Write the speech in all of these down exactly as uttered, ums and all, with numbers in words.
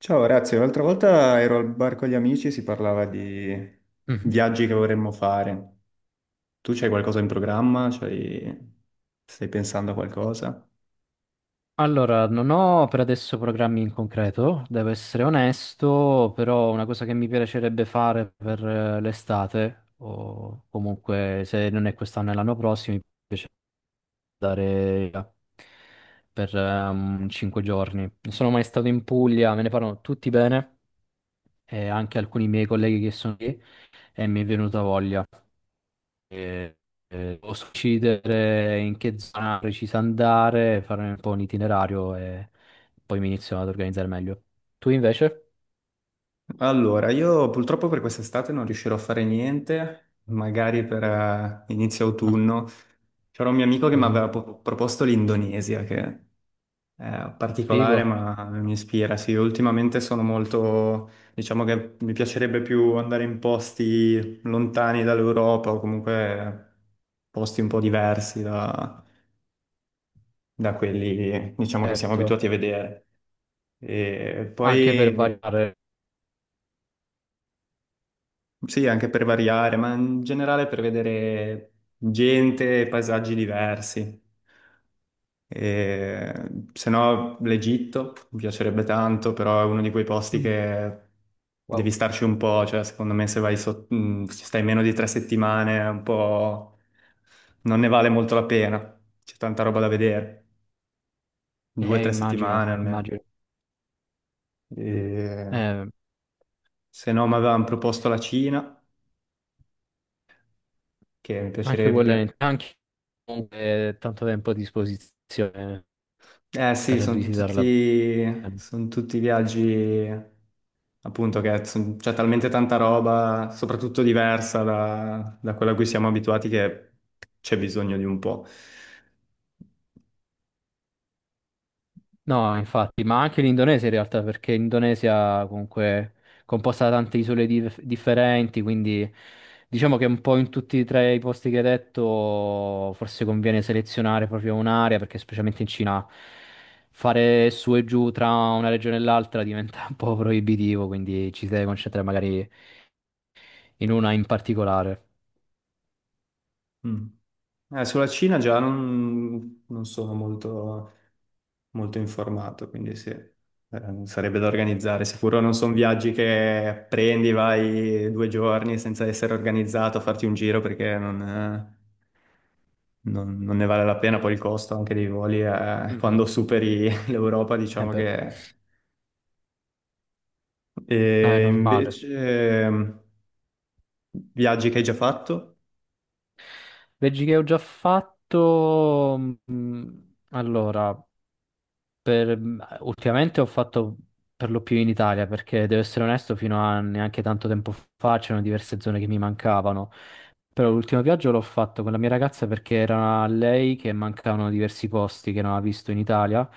Ciao, grazie. L'altra volta ero al bar con gli amici e si parlava di Mhm. viaggi che vorremmo fare. Tu c'hai qualcosa in programma? C'hai- Stai pensando a qualcosa? Allora, non ho per adesso programmi in concreto, devo essere onesto, però una cosa che mi piacerebbe fare per eh, l'estate, o comunque se non è quest'anno e l'anno prossimo, mi piace andare via per ehm, cinque giorni. Non sono mai stato in Puglia, me ne parlano tutti bene, e anche alcuni miei colleghi che sono lì, e mi è venuta voglia. eh, eh, Posso decidere in che zona precisa andare, fare un po' un itinerario e poi mi inizio ad organizzare meglio. Tu invece? Allora, io purtroppo per quest'estate non riuscirò a fare niente, magari per eh, inizio No. autunno. C'era un mio amico che mi Mhm. aveva po- proposto l'Indonesia, che è particolare Figo, ma mi ispira. Sì, ultimamente sono molto, diciamo che mi piacerebbe più andare in posti lontani dall'Europa o comunque posti un po' diversi da, da quelli, diciamo, che siamo certo, abituati a vedere. E anche per poi. variare. Sì, anche per variare, ma in generale per vedere gente e paesaggi diversi. E, se no, l'Egitto mi piacerebbe tanto, però è uno di quei posti Mm. che devi Wow. starci un po', cioè secondo me se vai so- mh, ci stai meno di tre settimane, è un po', non ne vale molto la pena, c'è tanta roba da vedere, due o Eh, tre settimane immagino, almeno. immagino. E, Eh, se no, mi avevano proposto la Cina, che mi anche quello è piacerebbe. anche comunque tanto tempo a disposizione Eh sì, per sono visitarla. tutti, son tutti viaggi appunto che son- c'è talmente tanta roba, soprattutto diversa da, da quella a cui siamo abituati, che c'è bisogno di un po'. No, infatti, ma anche l'Indonesia in realtà, perché l'Indonesia comunque è composta da tante isole dif- differenti, quindi diciamo che un po' in tutti e tre i posti che hai detto forse conviene selezionare proprio un'area, perché specialmente in Cina fare su e giù tra una regione e l'altra diventa un po' proibitivo, quindi ci si deve concentrare magari in una in particolare. Mm. Eh, sulla Cina già non, non sono molto, molto informato, quindi sì, eh, sarebbe da organizzare. Sicuro non sono viaggi che prendi, vai due giorni senza essere organizzato a farti un giro perché non, eh, non, non ne vale la pena, poi il costo anche dei voli è- Mhm. quando superi l'Europa, Eh diciamo beh, che. è E normale. invece, ehm, viaggi che hai già fatto? Veggi che ho già fatto. mm, Allora. Per- ultimamente ho fatto per lo più in Italia, perché devo essere onesto, fino a neanche tanto tempo fa c'erano diverse zone che mi mancavano. Però l'ultimo viaggio l'ho fatto con la mia ragazza perché era a lei che mancavano diversi posti che non ha visto in Italia.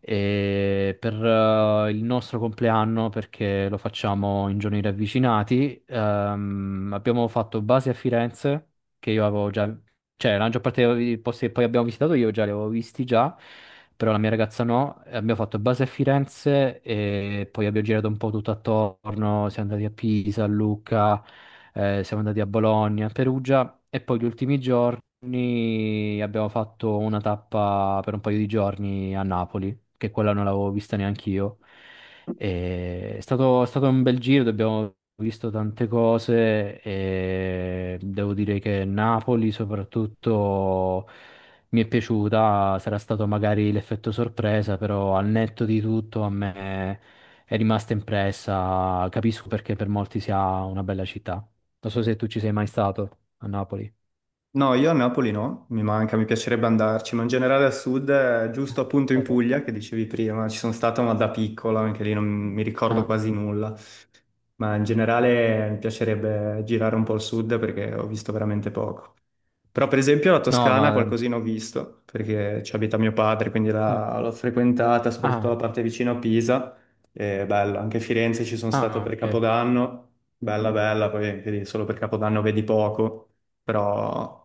E per eh, il nostro compleanno, perché lo facciamo in giorni ravvicinati, ehm, abbiamo fatto base a Firenze, che io avevo già, cioè, la maggior parte dei posti che poi abbiamo visitato io già li avevo visti già, però la mia ragazza no. E abbiamo fatto base a Firenze e poi abbiamo girato un po' tutto attorno. Siamo andati a Pisa, a Lucca, eh, siamo andati a Bologna, a Perugia e poi gli ultimi giorni abbiamo fatto una tappa per un paio di giorni a Napoli, che quella non l'avevo vista neanche io. E È stato, è stato un bel giro, abbiamo visto tante cose e devo dire che Napoli soprattutto mi è piaciuta, sarà stato magari l'effetto sorpresa, però al netto di tutto a me è rimasta impressa, capisco perché per molti sia una bella città. Non so se tu ci sei mai stato a Napoli. No, io a Napoli no, mi manca, mi piacerebbe andarci, ma in generale al sud, eh, È giusto appunto in stato- Puglia, che dicevi prima, ci sono stato ma da piccola, anche lì non mi ricordo Ah, quasi nulla, ma in generale mi piacerebbe girare un po' il sud perché ho visto veramente poco. Però per esempio la no, Toscana ma... qualcosina ho visto, perché ci abita mio padre, quindi Ah, la- l'ho frequentata, soprattutto la ah, parte vicino a Pisa. È bella, anche Firenze ci sono stato ah, per ok. Capodanno, bella bella, poi anche lì solo per Capodanno vedi poco, però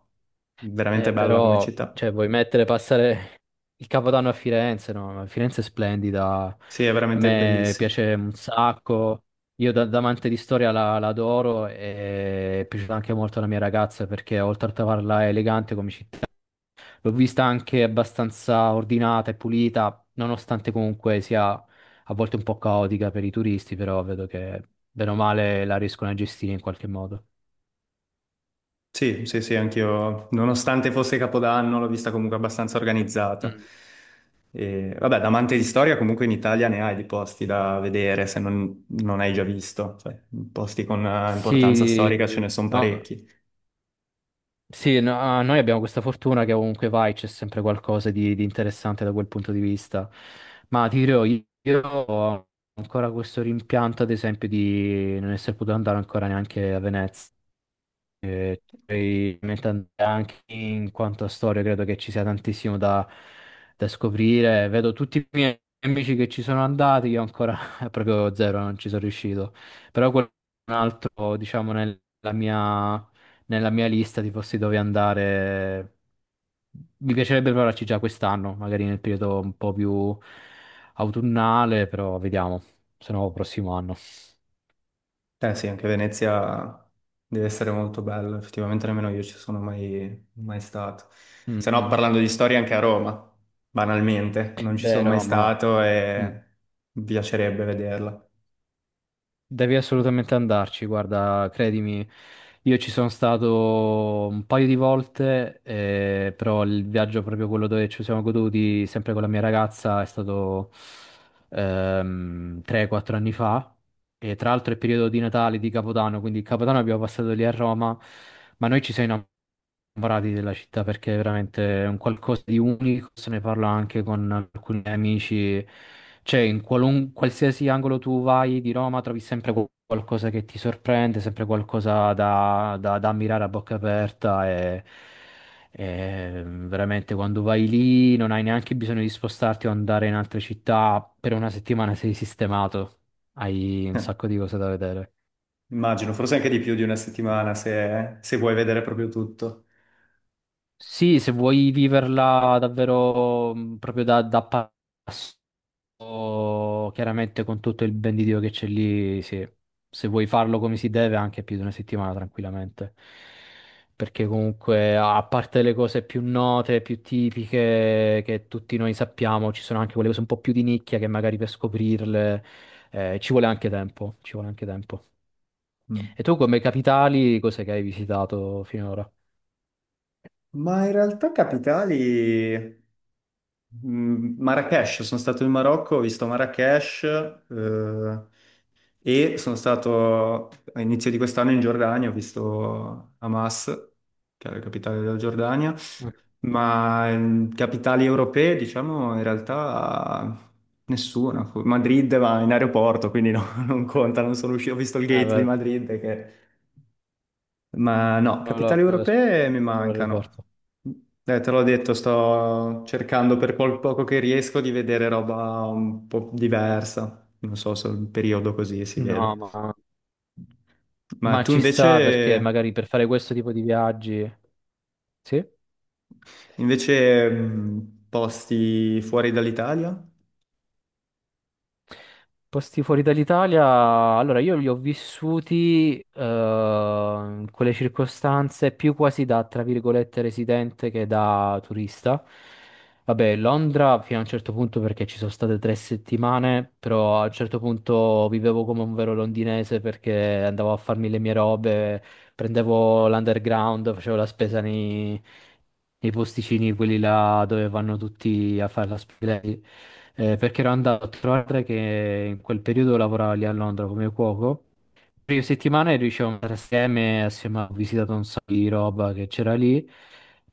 veramente Eh, bella come però, città. cioè, vuoi mettere, passare il Capodanno a Firenze, no? Firenze è splendida, Sì, è a veramente me bellissima. piace un sacco, io da, da amante di storia la, la adoro e è piaciuta anche molto alla mia ragazza perché oltre a trovarla elegante come città, l'ho vista anche abbastanza ordinata e pulita, nonostante comunque sia a volte un po' caotica per i turisti, però vedo che bene o male la riescono a gestire in qualche modo. Sì, sì, sì, anch'io, nonostante fosse Capodanno, l'ho vista comunque abbastanza organizzata. Mm. E, vabbè, da amante di storia, comunque in Italia ne hai di posti da vedere, se non, non hai già visto. Cioè, posti con eh, importanza Sì, storica ce ne sono no, parecchi. Sì, no- ah, noi abbiamo questa fortuna che ovunque vai c'è sempre qualcosa di, di interessante da quel punto di vista. Ma ti dirò, io, io ho ancora questo rimpianto, ad esempio, di non essere potuto andare ancora neanche a Venezia. Poi, mentre anche in quanto a storia credo che ci sia tantissimo da, da scoprire. Vedo tutti i miei amici che ci sono andati, io ancora proprio zero, non ci sono riuscito. Però quel- un altro, diciamo, nella mia, nella mia lista di posti dove andare, mi piacerebbe provarci già quest'anno, magari nel periodo un po' più autunnale, però vediamo, se no prossimo anno. Eh sì, anche Venezia deve essere molto bella, effettivamente nemmeno io ci sono mai, mai stato. Mm, Se no, mm. parlando di storia, anche a Roma, banalmente, non ci Beh, sono mai Roma. stato Mm. e mi piacerebbe vederla. Devi assolutamente andarci, guarda, credimi, io ci sono stato un paio di volte, eh, però il viaggio proprio quello dove ci siamo goduti sempre con la mia ragazza è stato ehm, tre quattro anni fa e tra l'altro è periodo di Natale, di Capodanno, quindi il Capodanno abbiamo passato lì a Roma, ma noi ci siamo parati della città perché è veramente un qualcosa di unico, se ne parla anche con alcuni amici, cioè in qualun- qualsiasi angolo tu vai di Roma trovi sempre qual- qualcosa che ti sorprende, sempre qualcosa da, da- da ammirare a bocca aperta e, e veramente quando vai lì non hai neanche bisogno di spostarti o andare in altre città, per una settimana sei sistemato, hai un Eh, sacco di cose da vedere. immagino, forse anche di più di una settimana se, se vuoi vedere proprio tutto. Sì, se vuoi viverla davvero mh, proprio da, da passo, chiaramente con tutto il ben di Dio che c'è lì, sì. Se vuoi farlo come si deve, anche più di una settimana tranquillamente. Perché comunque, a parte le cose più note, più tipiche che tutti noi sappiamo, ci sono anche quelle cose un po' più di nicchia che magari per scoprirle, eh, ci vuole anche tempo, ci vuole anche tempo. Mm. E tu come capitali, cos'è che hai visitato finora? Ma in realtà capitali, mm, Marrakesh, sono stato in Marocco, ho visto Marrakesh, eh, e sono stato all'inizio di quest'anno in Giordania, ho visto Hamas, che è la capitale della Giordania, Mm. ma ehm, capitali europee, diciamo, in realtà nessuna. Madrid va in aeroporto, quindi no, non conta, non sono uscito, ho visto il Eh, gate di beh, Madrid, che- ma no, capitali la- europee mi la- mancano. l'aeroporto. Eh, te l'ho detto, sto cercando per quel poco che riesco di vedere roba un po' diversa. Non so se il periodo così si No, vede. ma... Ma ma tu ci sta perché magari per invece, fare questo tipo di viaggi, sì. invece mh, posti fuori dall'Italia? Posti fuori dall'Italia, allora io li ho vissuti eh, in quelle circostanze più quasi da, tra virgolette, residente che da turista. Vabbè, Londra fino a un certo punto perché ci sono state tre settimane, però a un certo punto vivevo come un vero londinese perché andavo a farmi le mie robe, prendevo l'underground, facevo la spesa nei, nei posticini, quelli là dove vanno tutti a fare la spesa. Eh, perché ero andato a trovare che in quel periodo lavoravo lì a Londra come cuoco, prime settimane riuscivamo a stare assieme, assieme ho visitato un sacco di roba che c'era lì,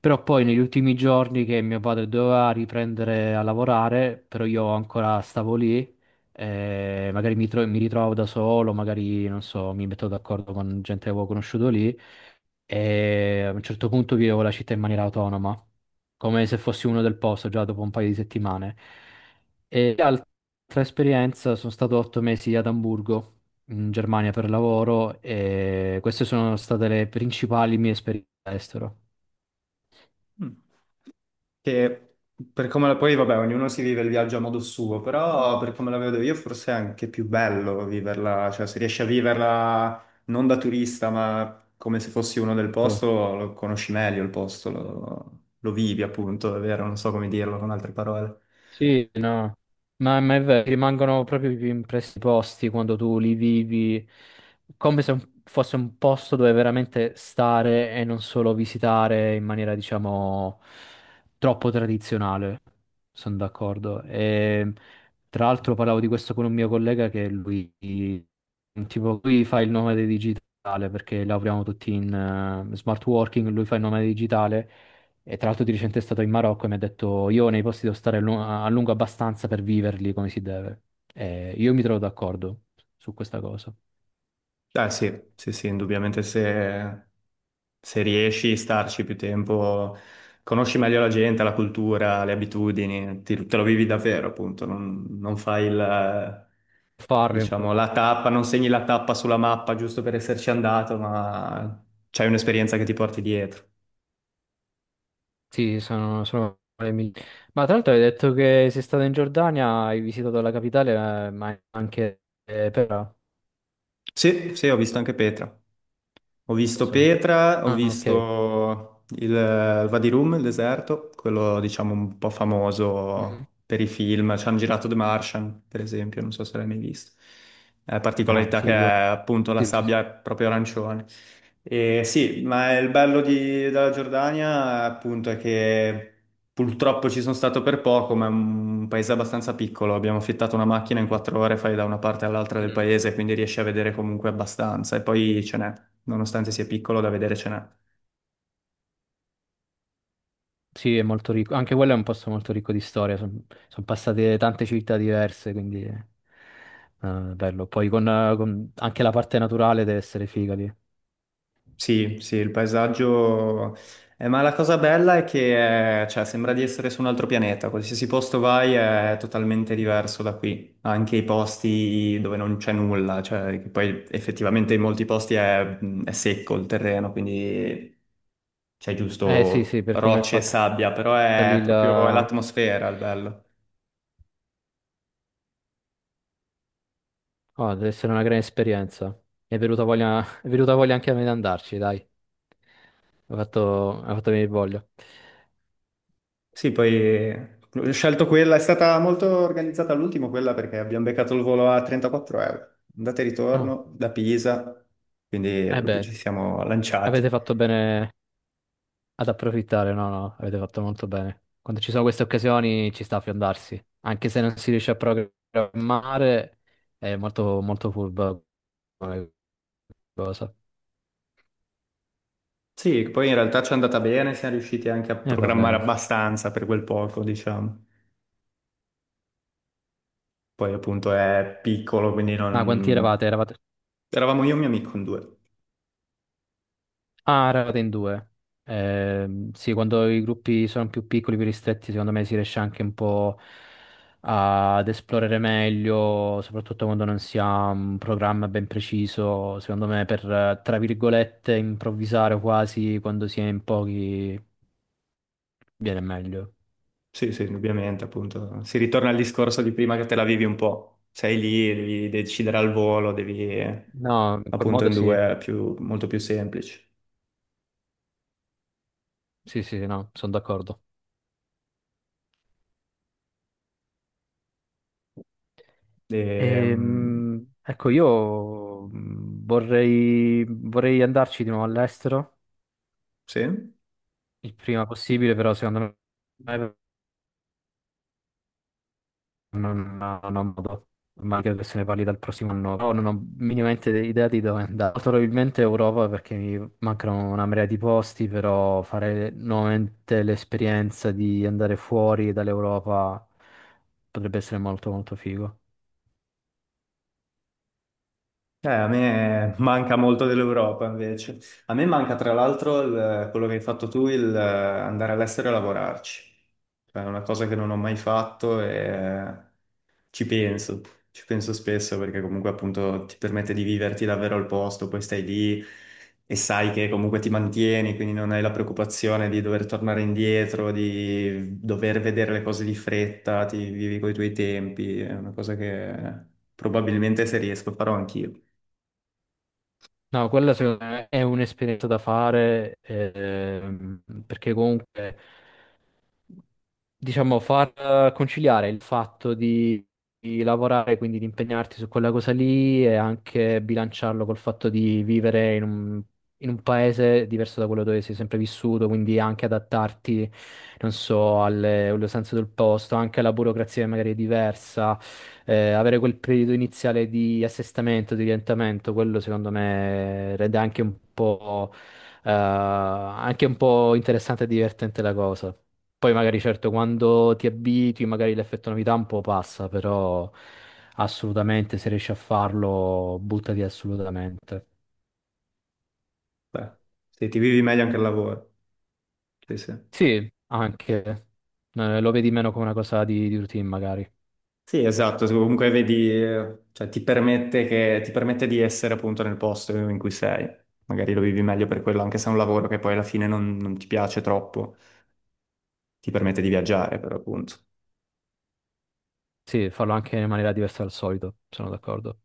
però poi negli ultimi giorni che mio padre doveva riprendere a lavorare, però io ancora stavo lì, eh, magari mi, tro- mi ritrovavo da solo, magari non so, mi metto d'accordo con gente che avevo conosciuto lì e a un certo punto vivevo la città in maniera autonoma, come se fossi uno del posto già dopo un paio di settimane. E l'altra esperienza sono stato otto mesi ad Amburgo in Germania per lavoro e queste sono state le principali mie esperienze all'estero. Mm. Che per come la poi, vabbè, ognuno si vive il viaggio a modo suo, però per come la vedo io forse è anche più bello viverla, cioè se riesci a viverla non da turista, ma come se fossi uno del Tu? posto, lo conosci meglio il posto, lo, lo vivi appunto, è vero, non so come dirlo con altre parole. Sì, no, ma, ma è vero, rimangono proprio più impressi i posti quando tu li vivi, come se un- fosse un posto dove veramente stare e non solo visitare in maniera, diciamo, troppo tradizionale. Sono d'accordo. E, tra l'altro parlavo di questo con un mio collega che lui, tipo, lui fa il nomade digitale perché lavoriamo tutti in eh, smart working, lui fa il nomade digitale e tra l'altro di recente è stato in Marocco e mi ha detto io nei posti devo stare a lu- a lungo abbastanza per viverli come si deve. E io mi trovo d'accordo su questa cosa. Ah, sì, sì, sì, indubbiamente se, se riesci a starci più tempo, conosci meglio la gente, la cultura, le abitudini, ti- te lo vivi davvero, appunto, non, non fai il, Farlo in quel diciamo, modo. la tappa, non segni la tappa sulla mappa giusto per esserci andato, ma c'hai un'esperienza che ti porti dietro. Sì, sono, sono le migliori. Ma tra l'altro hai detto che sei stato in Giordania, hai visitato la capitale, eh, ma anche eh, Pera. Sì, sì, ho visto anche Petra. Ho Non visto so. Petra, ho Ah, ok. visto il il Vadirum, il deserto, quello diciamo un po' Mhm. famoso per i film. Ci hanno girato The Martian, per esempio, non so se l'hai mai visto. La Ah, particolarità che è figo. appunto la Sì, sì, sì. sabbia è proprio arancione. E sì, ma il bello di- della Giordania appunto è che purtroppo ci sono stato per poco, ma è un paese abbastanza piccolo. Abbiamo affittato una macchina in quattro ore, fai da una parte all'altra del Mm. paese, quindi riesci a vedere comunque abbastanza. E poi ce n'è, nonostante sia piccolo, da vedere ce n'è. Sì, è molto ricco. Anche quello è un posto molto ricco di storia. Sono passate tante città diverse, quindi eh, bello. Poi con, eh, con- anche la parte naturale deve essere figa lì. Sì, sì, il paesaggio. Eh, ma la cosa bella è che eh, cioè, sembra di essere su un altro pianeta, qualsiasi posto vai è totalmente diverso da qui, anche i posti dove non c'è nulla, cioè, che poi effettivamente in molti posti è, è secco il terreno, quindi c'è Eh sì, giusto sì, per come è rocce e fatta sabbia, però è lì proprio è la... l'atmosfera il bello. oh, deve essere una gran esperienza. Mi è venuta voglia, è venuta voglia anche a me di andarci, dai. Ha fatto, ha fatto venire voglia. Sì, poi eh, ho scelto quella, è stata molto organizzata all'ultimo quella perché abbiamo beccato il volo a trentaquattro euro, andata e Ah, ritorno da Pisa, quindi eh proprio ci beh, siamo lanciati. avete fatto bene ad approfittare, no, no, avete fatto molto bene. Quando ci sono queste occasioni ci sta a fiondarsi, anche se non si riesce a programmare, è molto, molto furbo come cosa. Sì, poi in realtà ci è andata bene, siamo riusciti anche a E va programmare bene. abbastanza per quel poco, diciamo. Poi appunto è piccolo, quindi Ma quanti non. eravate? Eravate Eravamo io e mio amico in due. Ah, Raten due. Ehm, sì, quando i gruppi sono più piccoli, più ristretti, secondo me si riesce anche un po' ad esplorare meglio, soprattutto quando non si ha un programma ben preciso. Secondo me, per, eh, tra virgolette, improvvisare quasi quando si è in pochi viene meglio. Sì, sì, indubbiamente, appunto. Si ritorna al discorso di prima che te la vivi un po'. Sei lì, devi decidere al volo, devi eh, No, in quel appunto modo in due sì. è più, molto più semplici. Sì, sì, sì, no, sono d'accordo. E, mm, Ehm, ecco, io mm, vorrei, vorrei andarci di nuovo all'estero. sì. Il prima possibile, però secondo me non, non ho modo, ma credo che se ne parli dal prossimo anno, però non ho minimamente idea di dove andare. Molto probabilmente Europa perché mi mancano una marea di posti, però fare nuovamente l'esperienza di andare fuori dall'Europa potrebbe essere molto molto figo. Eh, a me manca molto dell'Europa invece. A me manca tra l'altro il- quello che hai fatto tu, il eh, andare all'estero e lavorarci. Cioè, è una cosa che non ho mai fatto e ci penso, ci penso spesso perché comunque appunto ti permette di viverti davvero al posto, poi stai lì e sai che comunque ti mantieni, quindi non hai la preoccupazione di dover tornare indietro, di dover vedere le cose di fretta, ti vivi coi tuoi tempi, è una cosa che probabilmente se riesco farò anch'io. No, quella secondo me è un'esperienza da fare ehm, perché comunque diciamo, far eh, conciliare il fatto di, di lavorare, quindi di impegnarti su quella cosa lì e anche bilanciarlo col fatto di vivere in un, in un, paese diverso da quello dove sei sempre vissuto, quindi anche adattarti, non so, alle, alle usanze del posto, anche alla burocrazia che magari è diversa, eh, avere quel periodo iniziale di assestamento, di orientamento, quello secondo me rende anche un po', eh, anche un po' interessante e divertente la cosa. Poi magari certo quando ti abitui magari l'effetto novità un po' passa, però assolutamente se riesci a farlo buttati assolutamente. Beh, se ti vivi meglio anche al lavoro. Sì, sì. Sì, anche eh, lo vedi meno come una cosa di, di routine magari. Sì, esatto, comunque vedi, eh, cioè, ti permette che, ti permette di essere appunto nel posto in cui sei. Magari lo vivi meglio per quello, anche se è un lavoro che poi alla fine non, non ti piace troppo, ti permette di viaggiare, per appunto. Sì, farlo anche in maniera diversa dal solito, sono d'accordo.